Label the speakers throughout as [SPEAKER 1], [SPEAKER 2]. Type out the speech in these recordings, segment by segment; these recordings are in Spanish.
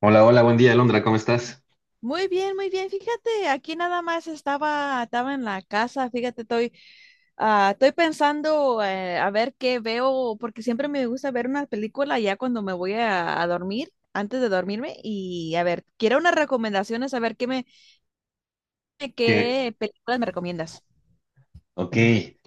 [SPEAKER 1] Hola, hola, buen día, Alondra, ¿cómo estás?
[SPEAKER 2] Muy bien, muy bien. Fíjate, aquí nada más estaba en la casa. Fíjate, estoy pensando a ver qué veo, porque siempre me gusta ver una película ya cuando me voy a dormir, antes de dormirme. Y a ver, quiero unas recomendaciones, a ver qué me,
[SPEAKER 1] Que,
[SPEAKER 2] qué películas me recomiendas.
[SPEAKER 1] ok.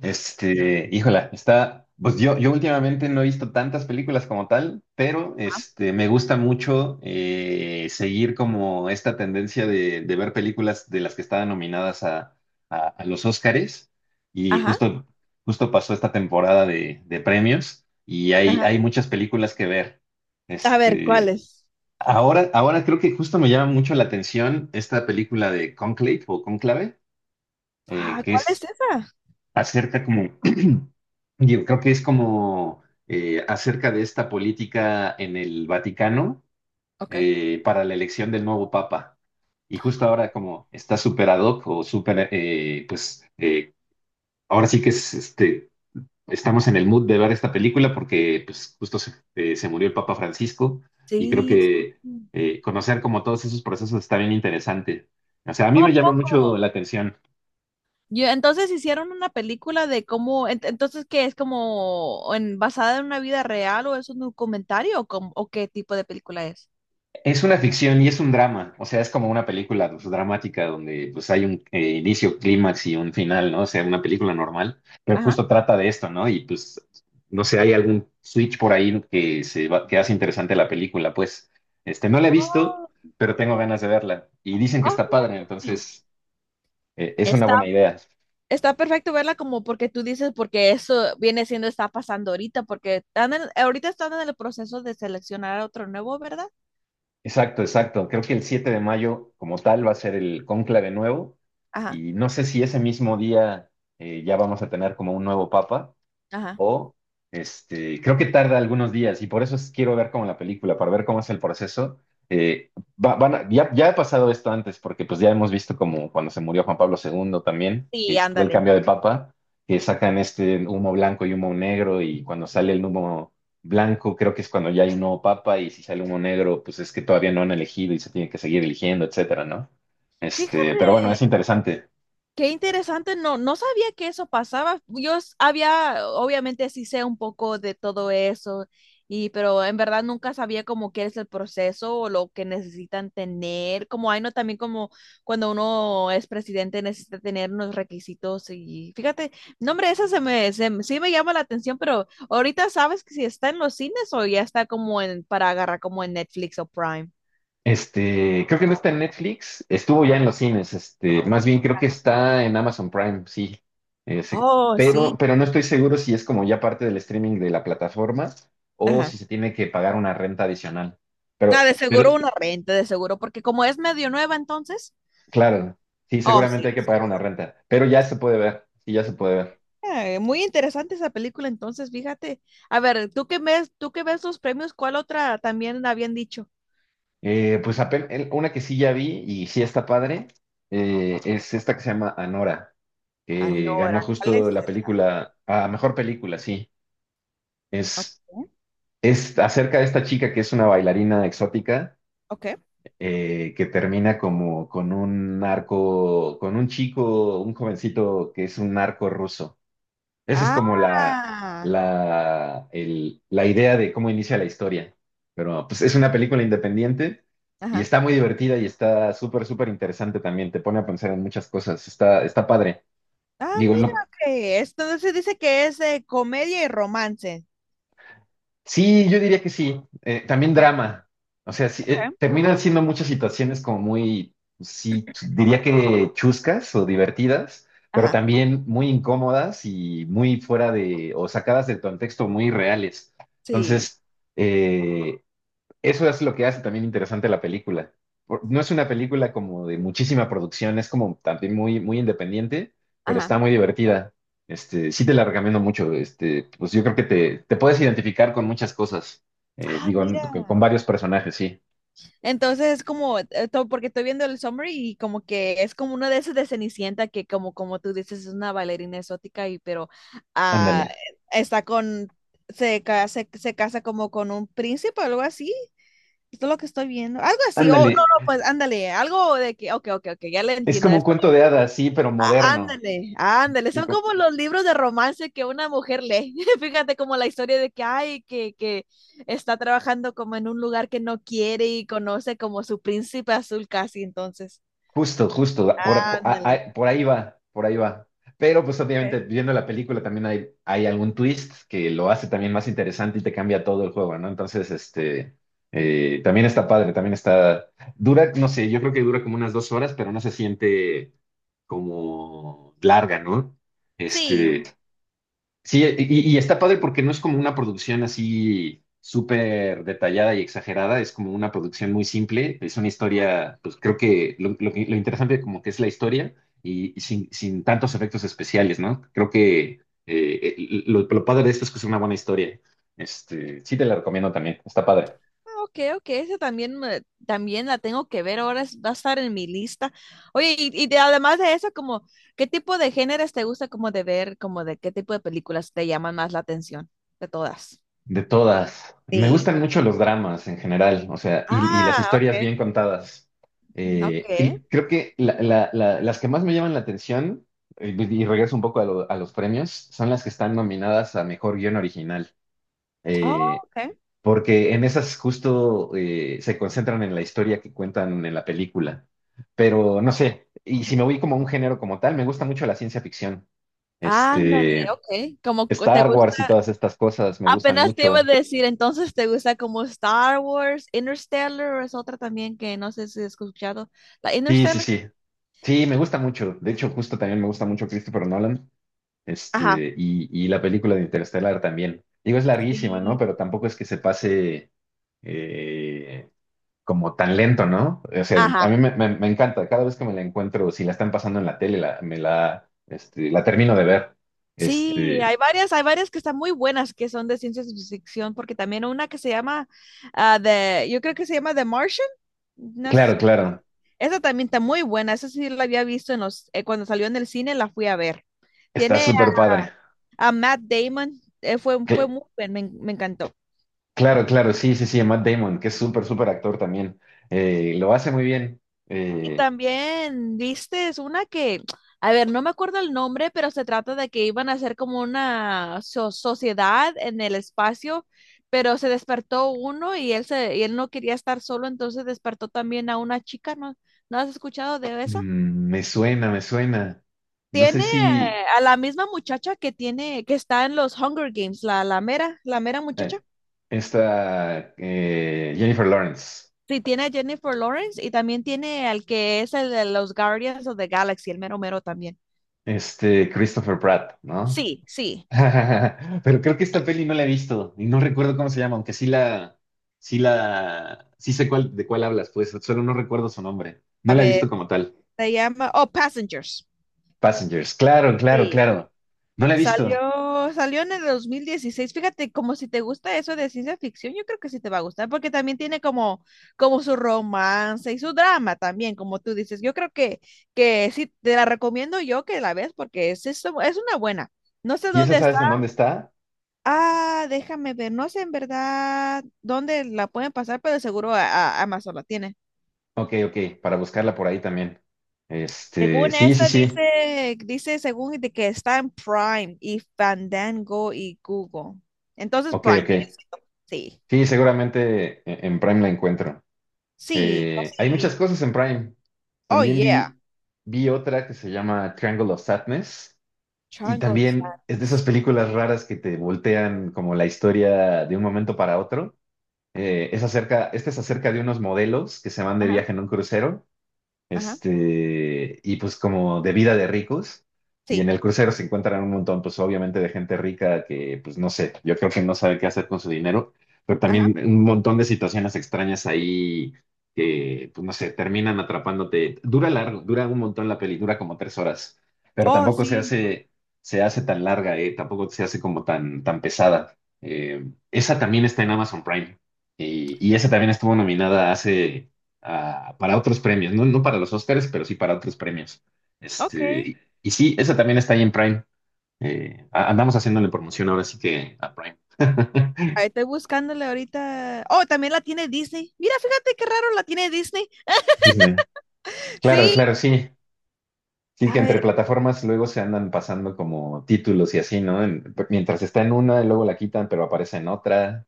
[SPEAKER 1] Híjola. Pues yo últimamente no he visto tantas películas como tal, pero me gusta mucho seguir como esta tendencia de ver películas de las que estaban nominadas a los Óscares. Y
[SPEAKER 2] Ajá,
[SPEAKER 1] justo pasó esta temporada de premios, y
[SPEAKER 2] ajá.
[SPEAKER 1] hay muchas películas que ver.
[SPEAKER 2] A ver,
[SPEAKER 1] Este,
[SPEAKER 2] ¿cuáles?
[SPEAKER 1] ahora creo que justo me llama mucho la atención esta película de Conclave o Conclave,
[SPEAKER 2] Ah,
[SPEAKER 1] que
[SPEAKER 2] ¿cuál es
[SPEAKER 1] es
[SPEAKER 2] esa?
[SPEAKER 1] acerca como, yo creo que es como, acerca de esta política en el Vaticano,
[SPEAKER 2] Ok.
[SPEAKER 1] para la elección del nuevo Papa. Y justo ahora como está súper ad hoc o súper, pues, ahora sí que es, estamos en el mood de ver esta película porque pues justo se murió el Papa Francisco, y creo
[SPEAKER 2] Sí, sí.
[SPEAKER 1] que conocer como todos esos procesos está bien interesante. O sea, a mí
[SPEAKER 2] Oh,
[SPEAKER 1] me llama mucho
[SPEAKER 2] poco.
[SPEAKER 1] la atención.
[SPEAKER 2] Yo, entonces hicieron una película de cómo, entonces qué es como en, basada en una vida real o es un documentario o, o qué tipo de película es.
[SPEAKER 1] Es una ficción y es un drama, o sea, es como una película, pues, dramática donde, pues, hay un inicio, clímax y un final, ¿no? O sea, una película normal, pero
[SPEAKER 2] Ajá.
[SPEAKER 1] justo trata de esto, ¿no? Y pues, no sé, hay algún switch por ahí que que hace interesante la película, pues, no la he visto,
[SPEAKER 2] Oh,
[SPEAKER 1] pero tengo ganas de verla. Y dicen que
[SPEAKER 2] oh,
[SPEAKER 1] está padre,
[SPEAKER 2] fíjate.
[SPEAKER 1] entonces, es una
[SPEAKER 2] Está,
[SPEAKER 1] buena idea.
[SPEAKER 2] está perfecto verla como porque tú dices, porque eso viene siendo, está pasando ahorita, porque ahorita están en el proceso de seleccionar a otro nuevo, ¿verdad?
[SPEAKER 1] Exacto, exacto. Creo que el 7 de mayo, como tal, va a ser el cónclave nuevo,
[SPEAKER 2] Ajá,
[SPEAKER 1] y no sé si ese mismo día ya vamos a tener como un nuevo papa,
[SPEAKER 2] ajá.
[SPEAKER 1] o creo que tarda algunos días, y por eso quiero ver como la película, para ver cómo es el proceso. Eh, ya ha pasado esto antes, porque pues ya hemos visto como cuando se murió Juan Pablo II también,
[SPEAKER 2] Sí,
[SPEAKER 1] que fue el
[SPEAKER 2] ándale.
[SPEAKER 1] cambio de papa, que sacan este humo blanco y humo negro, y cuando sale el humo blanco creo que es cuando ya hay un nuevo papa, y si sale humo negro pues es que todavía no han elegido y se tiene que seguir eligiendo, etcétera, ¿no? Pero bueno, es
[SPEAKER 2] Fíjate.
[SPEAKER 1] interesante.
[SPEAKER 2] Qué interesante, no sabía que eso pasaba. Había, obviamente sí sé un poco de todo eso, y pero en verdad nunca sabía como qué es el proceso o lo que necesitan tener. Como hay no también como cuando uno es presidente necesita tener unos requisitos y fíjate, no hombre, esa sí me llama la atención, pero ahorita sabes que si está en los cines o ya está como en para agarrar como en Netflix o Prime.
[SPEAKER 1] Creo que no está en Netflix, estuvo ya en los cines. Más bien creo que está en Amazon Prime, sí. Ese,
[SPEAKER 2] Oh,
[SPEAKER 1] pero,
[SPEAKER 2] sí.
[SPEAKER 1] pero no estoy seguro si es como ya parte del streaming de la plataforma, o
[SPEAKER 2] Ajá.
[SPEAKER 1] si se tiene que pagar una renta adicional. Pero,
[SPEAKER 2] Ah, de seguro
[SPEAKER 1] pero,
[SPEAKER 2] una renta, de seguro, porque como es medio nueva entonces,
[SPEAKER 1] claro, sí,
[SPEAKER 2] oh,
[SPEAKER 1] seguramente
[SPEAKER 2] sí,
[SPEAKER 1] hay
[SPEAKER 2] de
[SPEAKER 1] que pagar una
[SPEAKER 2] seguro.
[SPEAKER 1] renta, pero ya se puede ver, sí, ya se puede ver.
[SPEAKER 2] Muy interesante esa película entonces, fíjate. A ver, tú que ves los premios, ¿cuál otra también habían dicho?
[SPEAKER 1] Una que sí ya vi y sí está padre, es esta que se llama Anora, que ganó
[SPEAKER 2] Anora, ¿cuál
[SPEAKER 1] justo
[SPEAKER 2] es
[SPEAKER 1] la
[SPEAKER 2] esa?
[SPEAKER 1] película a mejor película, sí.
[SPEAKER 2] Ok,
[SPEAKER 1] Es Es acerca de esta chica que es una bailarina exótica,
[SPEAKER 2] ok.
[SPEAKER 1] que termina como con un narco, con un chico, un jovencito que es un narco ruso. Esa es como la,
[SPEAKER 2] Ah,
[SPEAKER 1] la, el- la idea de cómo inicia la historia. Pero pues es una película independiente y
[SPEAKER 2] ajá.
[SPEAKER 1] está muy divertida, y está súper, súper interesante también. Te pone a pensar en muchas cosas. Está, está padre.
[SPEAKER 2] Ah,
[SPEAKER 1] Digo,
[SPEAKER 2] mira,
[SPEAKER 1] lo-
[SPEAKER 2] que esto se dice que es comedia y romance.
[SPEAKER 1] Sí, yo diría que sí. También
[SPEAKER 2] Ok,
[SPEAKER 1] drama. O sea, sí,
[SPEAKER 2] ok.
[SPEAKER 1] terminan siendo muchas situaciones como muy, sí, diría que chuscas o divertidas, pero
[SPEAKER 2] Ajá,
[SPEAKER 1] también muy incómodas y muy fuera de, o sacadas del contexto, muy reales.
[SPEAKER 2] sí,
[SPEAKER 1] Entonces, eh, eso es lo que hace también interesante la película. No es una película como de muchísima producción, es como también muy, muy independiente, pero
[SPEAKER 2] ajá.
[SPEAKER 1] está muy divertida. Sí te la recomiendo mucho. Pues yo creo que te puedes identificar con muchas cosas.
[SPEAKER 2] Ah,
[SPEAKER 1] Digo, con
[SPEAKER 2] mira.
[SPEAKER 1] varios personajes, sí.
[SPEAKER 2] Entonces es como, porque estoy viendo el summary y como que es como una de esas de Cenicienta que como, como tú dices, es una bailarina exótica y pero ah,
[SPEAKER 1] Ándale.
[SPEAKER 2] está con, se casa como con un príncipe o algo así. Esto es lo que estoy viendo. Algo así, o no,
[SPEAKER 1] Ándale.
[SPEAKER 2] no, pues ándale, algo de que, ok, ok, ok, ya le
[SPEAKER 1] Es
[SPEAKER 2] entiendo.
[SPEAKER 1] como un
[SPEAKER 2] Es
[SPEAKER 1] cuento de hadas, sí, pero moderno.
[SPEAKER 2] ándale, ándale, son como los libros de romance que una mujer lee. Fíjate como la historia de que ay, que está trabajando como en un lugar que no quiere y conoce como su príncipe azul casi entonces.
[SPEAKER 1] Justo, justo,
[SPEAKER 2] Ándale.
[SPEAKER 1] por ahí va, por ahí va. Pero pues
[SPEAKER 2] Ok.
[SPEAKER 1] obviamente viendo la película también hay algún twist que lo hace también más interesante y te cambia todo el juego, ¿no? Entonces, también está padre, también está, dura, no sé, yo creo que dura como unas 2 horas, pero no se siente como larga, ¿no?
[SPEAKER 2] Sí,
[SPEAKER 1] Este, Sí, y está padre porque no es como una producción así súper detallada y exagerada, es como una producción muy simple, es una historia, pues creo que lo interesante como que es la historia, y sin tantos efectos especiales, ¿no? Creo que lo padre de esto es que es una buena historia. Sí te la recomiendo también, está padre.
[SPEAKER 2] ah, ok, ok, esa también, también la tengo que ver, ahora va a estar en mi lista. Oye, además de eso, como, ¿qué tipo de géneros te gusta como de ver, como de qué tipo de películas te llaman más la atención de todas?
[SPEAKER 1] De todas. Me
[SPEAKER 2] Sí.
[SPEAKER 1] gustan mucho los dramas en general, o sea, y las
[SPEAKER 2] Ah, ok,
[SPEAKER 1] historias bien contadas.
[SPEAKER 2] ok.
[SPEAKER 1] Y creo que las que más me llaman la atención, pues, y regreso un poco a los premios, son las que están nominadas a Mejor Guión Original.
[SPEAKER 2] Oh,
[SPEAKER 1] Eh,
[SPEAKER 2] okay.
[SPEAKER 1] Porque en esas justo se concentran en la historia que cuentan en la película. Pero no sé, y si me voy como a un género como tal, me gusta mucho la ciencia ficción.
[SPEAKER 2] Ándale,
[SPEAKER 1] Este,
[SPEAKER 2] ok. Te
[SPEAKER 1] Star Wars y
[SPEAKER 2] gusta.
[SPEAKER 1] todas estas cosas me gustan
[SPEAKER 2] Apenas te iba a
[SPEAKER 1] mucho.
[SPEAKER 2] decir, entonces te gusta como Star Wars, Interstellar, o es otra también que no sé si has escuchado. La
[SPEAKER 1] Sí, sí,
[SPEAKER 2] Interstellar.
[SPEAKER 1] sí. Sí, me gusta mucho. De hecho, justo también me gusta mucho Christopher Nolan.
[SPEAKER 2] Ajá.
[SPEAKER 1] Y la película de Interstellar también. Digo, es larguísima, ¿no?
[SPEAKER 2] Sí.
[SPEAKER 1] Pero tampoco es que se pase eh, como tan lento, ¿no? O sea, a
[SPEAKER 2] Ajá.
[SPEAKER 1] mí me, me encanta. Cada vez que me la encuentro, si la están pasando en la tele, me la, la termino de ver.
[SPEAKER 2] Sí,
[SPEAKER 1] Este,
[SPEAKER 2] hay varias que están muy buenas que son de ciencia ficción, porque también una que se llama yo creo que se llama The Martian. ¿No has
[SPEAKER 1] claro,
[SPEAKER 2] escu-
[SPEAKER 1] claro.
[SPEAKER 2] Esa también está muy buena. Esa sí la había visto en los, cuando salió en el cine, la fui a ver.
[SPEAKER 1] Está
[SPEAKER 2] Tiene
[SPEAKER 1] súper padre.
[SPEAKER 2] a Matt Damon, fue
[SPEAKER 1] Cl-
[SPEAKER 2] muy bien, me encantó.
[SPEAKER 1] claro, claro. Sí, sí, sí. Matt Damon, que es súper, súper actor también. Lo hace muy bien.
[SPEAKER 2] Y
[SPEAKER 1] Eh,
[SPEAKER 2] también, viste, a ver, no me acuerdo el nombre, pero se trata de que iban a hacer como una sociedad en el espacio, pero se despertó uno y y él no quería estar solo, entonces despertó también a una chica, ¿no? ¿No has escuchado de esa?
[SPEAKER 1] Me suena, me suena. No sé
[SPEAKER 2] Tiene
[SPEAKER 1] si
[SPEAKER 2] a la misma muchacha que tiene, que está en los Hunger Games, la mera muchacha.
[SPEAKER 1] eh, esta, Jennifer Lawrence,
[SPEAKER 2] Sí, tiene a Jennifer Lawrence y también tiene al que es el de los Guardians of the Galaxy, el mero mero también.
[SPEAKER 1] Christopher Pratt, ¿no?
[SPEAKER 2] Sí, sí.
[SPEAKER 1] Pero creo que esta peli no la he visto y no recuerdo cómo se llama, aunque sí sé cuál, de cuál hablas, pues solo no recuerdo su nombre. No
[SPEAKER 2] A
[SPEAKER 1] la he visto
[SPEAKER 2] ver,
[SPEAKER 1] como tal.
[SPEAKER 2] se llama, oh, Passengers.
[SPEAKER 1] Passengers, claro, claro,
[SPEAKER 2] Sí.
[SPEAKER 1] claro. No la he visto.
[SPEAKER 2] Salió en el 2016. Fíjate, como si te gusta eso de ciencia ficción, yo creo que sí te va a gustar, porque también tiene como, como su romance y su drama también, como tú dices. Que sí, te la recomiendo yo que la veas, porque es una buena. No sé
[SPEAKER 1] ¿Y esa
[SPEAKER 2] dónde
[SPEAKER 1] sabes en dónde está?
[SPEAKER 2] ah, déjame ver, no sé en verdad dónde la pueden pasar, pero seguro Amazon la tiene.
[SPEAKER 1] Ok, ok, para buscarla por ahí también.
[SPEAKER 2] Según
[SPEAKER 1] Sí, sí,
[SPEAKER 2] esto
[SPEAKER 1] sí.
[SPEAKER 2] dice, dice según de que está en Prime y Fandango y Google. Entonces
[SPEAKER 1] Ok,
[SPEAKER 2] Prime
[SPEAKER 1] ok.
[SPEAKER 2] viene siendo. Sí.
[SPEAKER 1] Sí, seguramente en Prime la encuentro.
[SPEAKER 2] Sí,
[SPEAKER 1] Hay muchas
[SPEAKER 2] casi.
[SPEAKER 1] cosas en Prime.
[SPEAKER 2] Oh
[SPEAKER 1] También
[SPEAKER 2] yeah.
[SPEAKER 1] vi, vi otra que se llama Triangle of Sadness, y
[SPEAKER 2] Triangle
[SPEAKER 1] también es de esas
[SPEAKER 2] Sadness.
[SPEAKER 1] películas raras que te voltean como la historia de un momento para otro. Es acerca, esta es acerca de unos modelos que se van de
[SPEAKER 2] Ajá,
[SPEAKER 1] viaje en un crucero,
[SPEAKER 2] ajá.
[SPEAKER 1] y pues como de vida de ricos, y en
[SPEAKER 2] Sí.
[SPEAKER 1] el crucero se encuentran un montón, pues obviamente de gente rica que, pues no sé, yo creo que no sabe qué hacer con su dinero, pero
[SPEAKER 2] Ajá.
[SPEAKER 1] también un montón de situaciones extrañas ahí que, pues no sé, terminan atrapándote. Dura largo, dura un montón la peli, dura como 3 horas, pero
[SPEAKER 2] Oh,
[SPEAKER 1] tampoco se
[SPEAKER 2] sí.
[SPEAKER 1] hace, se hace tan larga. Tampoco se hace como tan pesada. Esa también está en Amazon Prime. Y esa también estuvo nominada hace, para otros premios, no, no para los Oscars, pero sí para otros premios.
[SPEAKER 2] Ok. Ahí
[SPEAKER 1] Y sí, esa también está ahí en Prime. Andamos haciéndole promoción ahora sí que a Prime.
[SPEAKER 2] estoy buscándole ahorita. Oh, también la tiene Disney. Mira, fíjate qué raro la tiene Disney.
[SPEAKER 1] Disney. Claro,
[SPEAKER 2] Sí.
[SPEAKER 1] claro, sí. Sí, que
[SPEAKER 2] A
[SPEAKER 1] entre
[SPEAKER 2] ver.
[SPEAKER 1] plataformas luego se andan pasando como títulos y así, ¿no? Mientras está en una, y luego la quitan, pero aparece en otra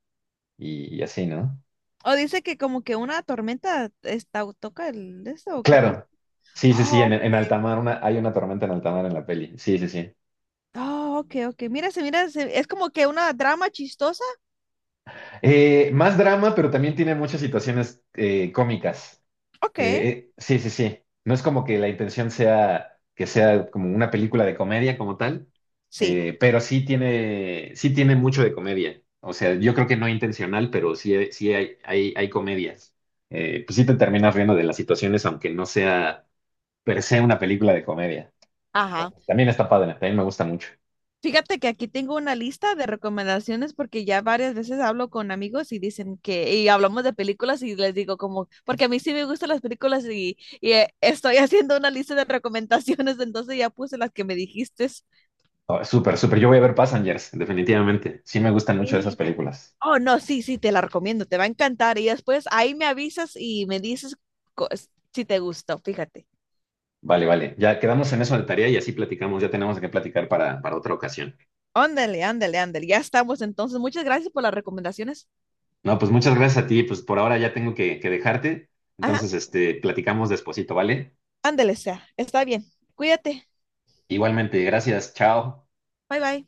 [SPEAKER 1] y así, ¿no?
[SPEAKER 2] O dice que como que una tormenta está, toca el de esto, ¿o qué pasa?
[SPEAKER 1] Claro. Sí, sí,
[SPEAKER 2] Oh,
[SPEAKER 1] sí,
[SPEAKER 2] ok.
[SPEAKER 1] en alta mar, una, hay una tormenta en alta mar en la peli. Sí, sí, sí.
[SPEAKER 2] Oh, ok, ok. Mira, es como que una drama chistosa.
[SPEAKER 1] Más drama, pero también tiene muchas situaciones cómicas.
[SPEAKER 2] Ok,
[SPEAKER 1] Sí, sí, sí. No es como que la intención sea que sea como una película de comedia como tal,
[SPEAKER 2] sí.
[SPEAKER 1] pero sí tiene mucho de comedia. O sea, yo creo que no intencional, pero sí, sí hay comedias. Pues sí te terminas riendo de las situaciones, aunque no sea per se una película de comedia.
[SPEAKER 2] Ajá.
[SPEAKER 1] Entonces, también está padre, también me gusta mucho.
[SPEAKER 2] Fíjate que aquí tengo una lista de recomendaciones porque ya varias veces hablo con amigos y dicen que, y hablamos de películas y les digo como, porque a mí sí me gustan las películas y estoy haciendo una lista de recomendaciones, entonces ya puse las que me dijiste.
[SPEAKER 1] Oh, súper, súper. Yo voy a ver Passengers, definitivamente. Sí me gustan mucho esas
[SPEAKER 2] Sí.
[SPEAKER 1] películas.
[SPEAKER 2] Oh, no, sí, sí, te la recomiendo, te va a encantar. Y después ahí me avisas y me dices co- si te gustó, fíjate.
[SPEAKER 1] Vale, vale. Ya quedamos en eso de tarea y así platicamos. Ya tenemos que platicar para otra ocasión.
[SPEAKER 2] Ándale, ándale, ándale. Ya estamos entonces. Muchas gracias por las recomendaciones.
[SPEAKER 1] No, pues muchas gracias a ti. Pues por ahora ya tengo que dejarte.
[SPEAKER 2] Ajá,
[SPEAKER 1] Entonces, platicamos despuesito, ¿vale?
[SPEAKER 2] ándale, sea. Está bien. Cuídate.
[SPEAKER 1] Igualmente, gracias. Chao.
[SPEAKER 2] Bye, bye.